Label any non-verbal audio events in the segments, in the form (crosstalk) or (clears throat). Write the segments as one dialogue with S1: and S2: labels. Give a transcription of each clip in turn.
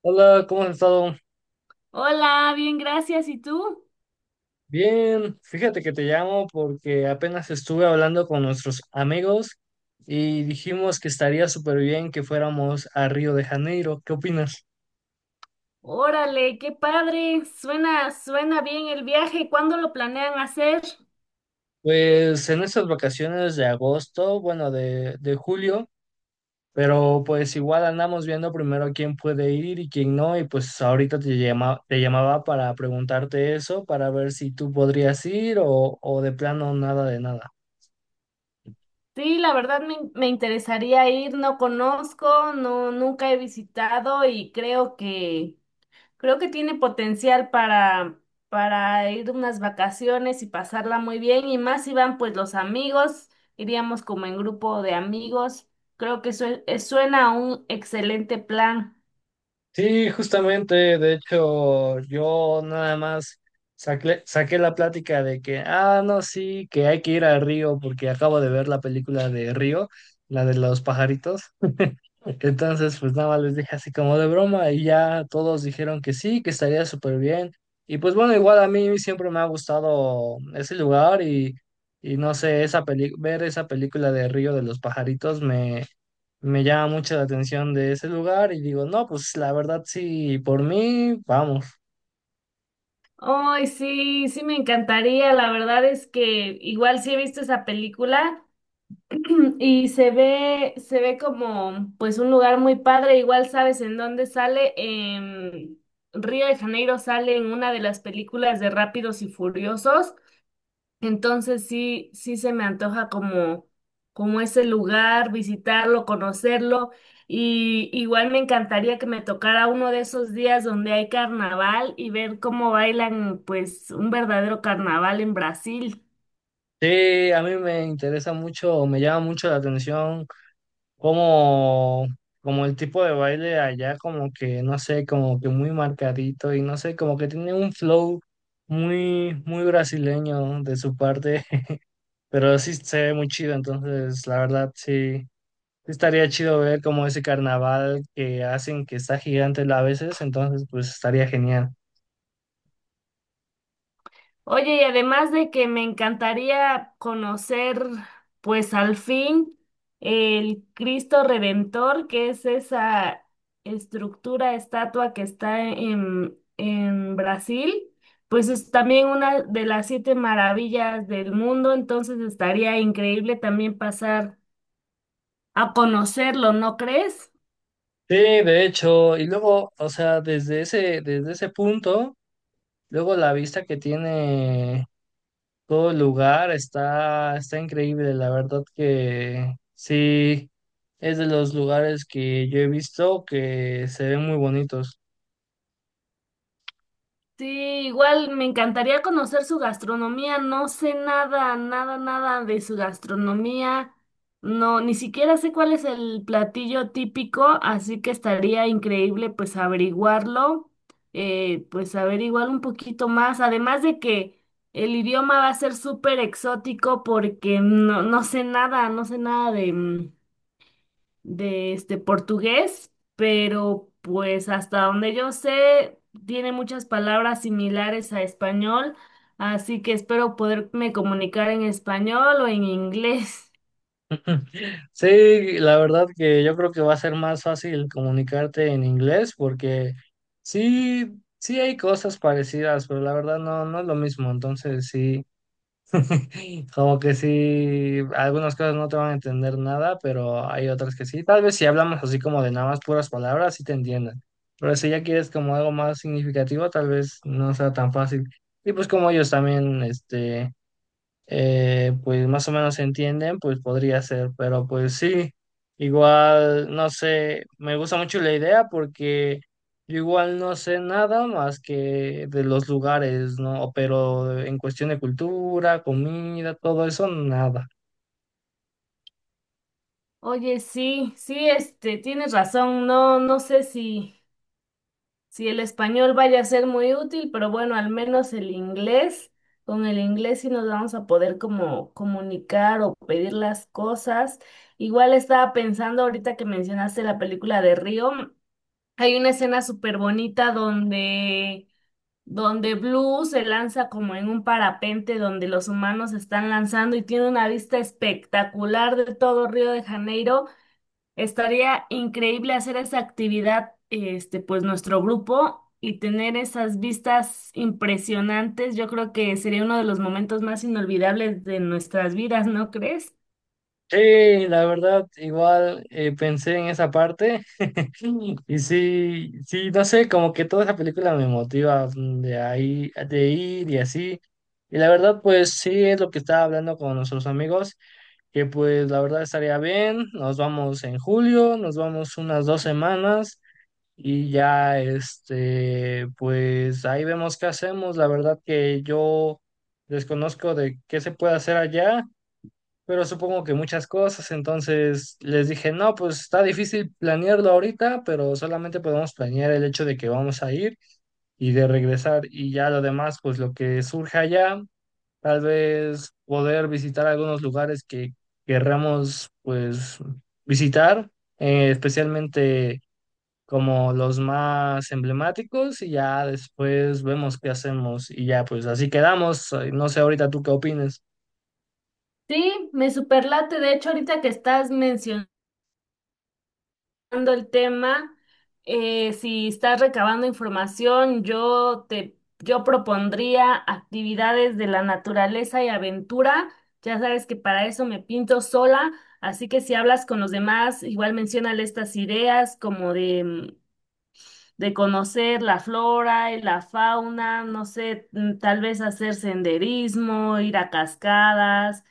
S1: Hola, ¿cómo has estado?
S2: Hola, bien, gracias. ¿Y tú?
S1: Bien, fíjate que te llamo porque apenas estuve hablando con nuestros amigos y dijimos que estaría súper bien que fuéramos a Río de Janeiro. ¿Qué opinas?
S2: Órale, qué padre. Suena bien el viaje. ¿Cuándo lo planean hacer?
S1: Pues en estas vacaciones de agosto, bueno, de julio, pero pues igual andamos viendo primero quién puede ir y quién no, y pues ahorita te llama, te llamaba para preguntarte eso, para ver si tú podrías ir o de plano nada de nada.
S2: Sí, la verdad me interesaría ir. No conozco, no, nunca he visitado y creo que tiene potencial para ir unas vacaciones y pasarla muy bien. Y más si van pues los amigos, iríamos como en grupo de amigos. Creo que suena a un excelente plan.
S1: Sí, justamente, de hecho, yo nada más saqué la plática de que, ah, no, sí, que hay que ir al río porque acabo de ver la película de Río, la de los pajaritos. Entonces, pues nada más les dije así como de broma y ya todos dijeron que sí, que estaría súper bien. Y pues bueno, igual a mí siempre me ha gustado ese lugar y no sé, esa peli ver esa película de Río de los pajaritos me llama mucho la atención de ese lugar y digo, no, pues la verdad sí, por mí, vamos.
S2: Ay, sí, sí me encantaría. La verdad es que igual sí he visto esa película (clears throat) y se ve como pues un lugar muy padre. Igual sabes en dónde sale. En Río de Janeiro sale en una de las películas de Rápidos y Furiosos, entonces sí, sí se me antoja como, como ese lugar, visitarlo, conocerlo. Y igual me encantaría que me tocara uno de esos días donde hay carnaval y ver cómo bailan pues un verdadero carnaval en Brasil.
S1: Sí, a mí me interesa mucho, o me llama mucho la atención como, como el tipo de baile allá, como que, no sé, como que muy marcadito y no sé, como que tiene un flow muy, muy brasileño de su parte, (laughs) pero sí se ve muy chido, entonces la verdad sí. Sí, estaría chido ver como ese carnaval que hacen que está gigante a veces, entonces pues estaría genial.
S2: Oye, y además de que me encantaría conocer, pues al fin, el Cristo Redentor, que es esa estructura, estatua que está en Brasil, pues es también una de las siete maravillas del mundo, entonces estaría increíble también pasar a conocerlo, ¿no crees?
S1: Sí, de hecho, y luego, o sea, desde ese punto, luego la vista que tiene todo el lugar está increíble, la verdad que sí, es de los lugares que yo he visto que se ven muy bonitos.
S2: Sí, igual me encantaría conocer su gastronomía. No sé nada, nada, nada de su gastronomía. No, ni siquiera sé cuál es el platillo típico, así que estaría increíble pues averiguarlo, pues averiguar un poquito más. Además de que el idioma va a ser súper exótico porque no, no sé nada, no sé nada de este portugués, pero pues hasta donde yo sé, tiene muchas palabras similares a español, así que espero poderme comunicar en español o en inglés.
S1: Sí, la verdad que yo creo que va a ser más fácil comunicarte en inglés porque sí, sí hay cosas parecidas, pero la verdad no, no es lo mismo, entonces sí. (laughs) Como que sí, algunas cosas no te van a entender nada, pero hay otras que sí. Tal vez si hablamos así como de nada más puras palabras, sí te entiendan. Pero si ya quieres como algo más significativo, tal vez no sea tan fácil. Y pues como ellos también, este, pues más o menos se entienden, pues podría ser, pero pues sí, igual, no sé, me gusta mucho la idea porque yo igual no sé nada más que de los lugares, ¿no? Pero en cuestión de cultura, comida, todo eso, nada.
S2: (laughs) Oye, sí, sí, este, tienes razón, no, no sé si, si el español vaya a ser muy útil, pero bueno, al menos el inglés. Con el inglés sí nos vamos a poder como comunicar o pedir las cosas. Igual estaba pensando ahorita que mencionaste la película de Río. Hay una escena súper bonita donde, donde Blue se lanza como en un parapente donde los humanos se están lanzando y tiene una vista espectacular de todo Río de Janeiro. Estaría increíble hacer esa actividad, este, pues nuestro grupo y tener esas vistas impresionantes. Yo creo que sería uno de los momentos más inolvidables de nuestras vidas, ¿no crees?
S1: Sí, la verdad, igual pensé en esa parte. Sí, y sí, sí, no sé, como que toda esa película me motiva de ahí, de ir y así. Y la verdad, pues sí, es lo que estaba hablando con nuestros amigos, que pues la verdad estaría bien, nos vamos en julio, nos vamos unas dos semanas y ya, este, pues ahí vemos qué hacemos. La verdad que yo desconozco de qué se puede hacer allá, pero supongo que muchas cosas, entonces les dije, no, pues está difícil planearlo ahorita, pero solamente podemos planear el hecho de que vamos a ir y de regresar y ya lo demás, pues lo que surja allá, tal vez poder visitar algunos lugares que querramos, pues visitar, especialmente como los más emblemáticos y ya después vemos qué hacemos y ya pues así quedamos, no sé ahorita tú qué opinas.
S2: Sí, me superlate. De hecho, ahorita que estás mencionando tocando el tema, si estás recabando información, yo propondría actividades de la naturaleza y aventura. Ya sabes que para eso me pinto sola, así que si hablas con los demás, igual menciónale estas ideas como de, mm, de conocer la flora y la fauna, no sé, mm, tal vez hacer senderismo, ir a cascadas,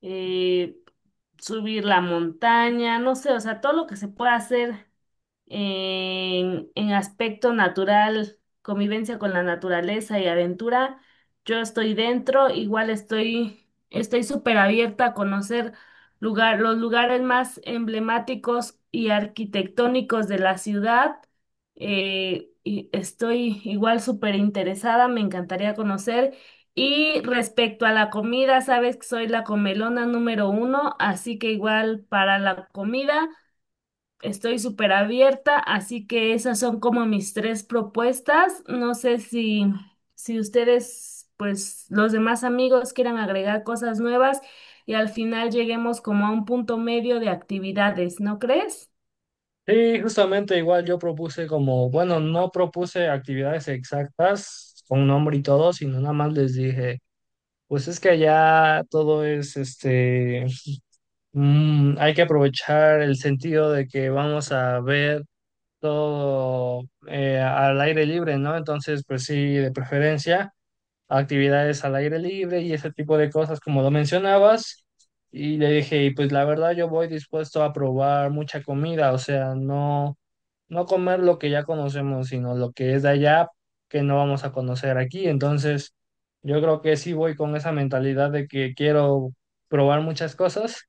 S2: eh, subir la montaña, no sé, o sea, todo lo que se pueda hacer en aspecto natural, convivencia con la naturaleza y aventura, yo estoy dentro, igual estoy súper abierta a conocer los lugares más emblemáticos y arquitectónicos de la ciudad. Eh, y estoy igual súper interesada, me encantaría conocer. Y respecto a la comida, sabes que soy la comelona número uno, así que igual para la comida. Estoy súper abierta, así que esas son como mis tres propuestas. No sé si, si ustedes, pues los demás amigos quieran agregar cosas nuevas y al final lleguemos como a un punto medio de actividades, ¿no crees?
S1: Sí, justamente igual yo propuse como, bueno, no propuse actividades exactas con nombre y todo, sino nada más les dije, pues es que ya todo es, este, mm, hay que aprovechar el sentido de que vamos a ver todo al aire libre, ¿no? Entonces, pues sí, de preferencia actividades al aire libre y ese tipo de cosas, como lo mencionabas. Y le dije, "Y pues la verdad yo voy dispuesto a probar mucha comida, o sea, no, no comer lo que ya conocemos, sino lo que es de allá que no vamos a conocer aquí. Entonces, yo creo que sí voy con esa mentalidad de que quiero probar muchas cosas,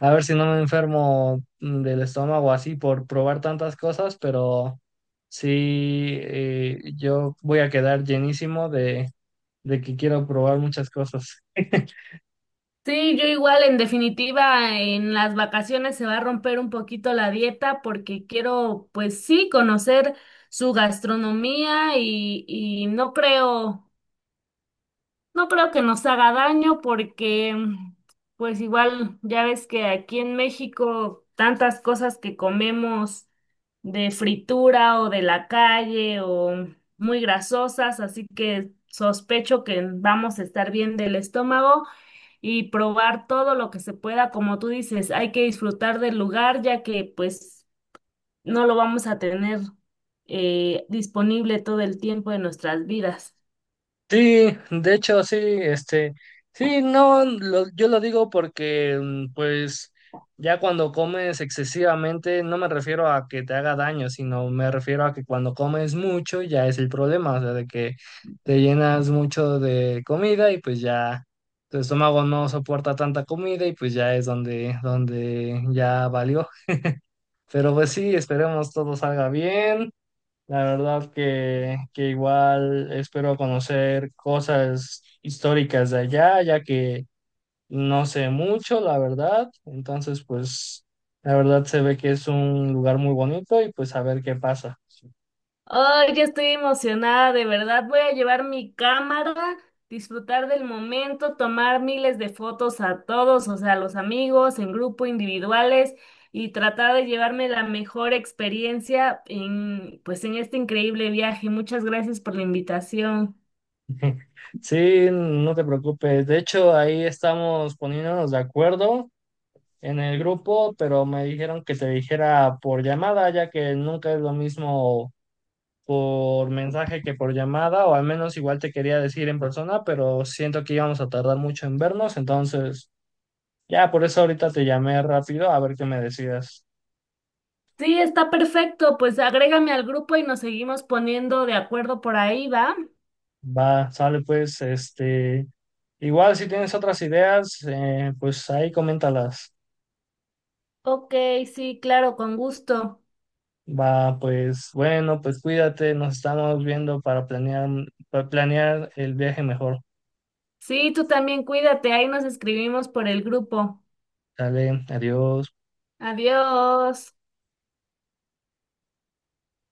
S1: a ver si no me enfermo del estómago así por probar tantas cosas, pero sí, yo voy a quedar llenísimo de que quiero probar muchas cosas. (laughs)
S2: Sí, yo igual, en definitiva, en las vacaciones se va a romper un poquito la dieta porque quiero, pues sí, conocer su gastronomía y no creo. No creo que nos haga daño porque, mm, pues igual, ya ves que aquí en México tantas cosas que comemos de fritura o de la calle o muy grasosas, así que sospecho que vamos a estar bien del estómago y probar todo lo que se pueda, como tú dices, hay que disfrutar del lugar ya que pues no lo vamos a tener disponible todo el tiempo de nuestras vidas.
S1: Sí, de hecho, sí, este, sí, no, yo lo digo porque, pues, ya cuando comes excesivamente, no me refiero a que te haga daño, sino me refiero a que cuando comes mucho ya es el problema, o sea, de que te llenas mucho de comida y pues ya tu estómago no soporta tanta comida y pues ya es donde, donde ya valió. Pero pues sí, esperemos todo salga bien. La verdad que igual espero conocer cosas históricas de allá, ya que no sé mucho, la verdad. Entonces, pues, la verdad se ve que es un lugar muy bonito y pues a ver qué pasa.
S2: Ay, ya estoy emocionada, de verdad. Voy a llevar mi cámara, disfrutar del momento, tomar miles de fotos a todos, o sea, a los amigos, en grupo, individuales, y tratar de llevarme la mejor experiencia en, pues, en este increíble viaje. Muchas gracias por la invitación.
S1: Sí, no te preocupes. De hecho, ahí estamos poniéndonos de acuerdo en el grupo, pero me dijeron que te dijera por llamada, ya que nunca es lo mismo por mensaje que por llamada, o al menos igual te quería decir en persona, pero siento que íbamos a tardar mucho en vernos, entonces ya por eso ahorita te llamé rápido a ver qué me decidas.
S2: Sí, está perfecto. Pues agrégame al grupo y nos seguimos poniendo de acuerdo por ahí, ¿va?
S1: Va, sale pues, este, igual si tienes otras ideas, pues ahí coméntalas.
S2: Ok, sí, claro, con gusto.
S1: Va, pues bueno, pues cuídate, nos estamos viendo para planear el viaje mejor.
S2: Sí, tú también cuídate, ahí nos escribimos por el grupo.
S1: Dale, adiós.
S2: Adiós.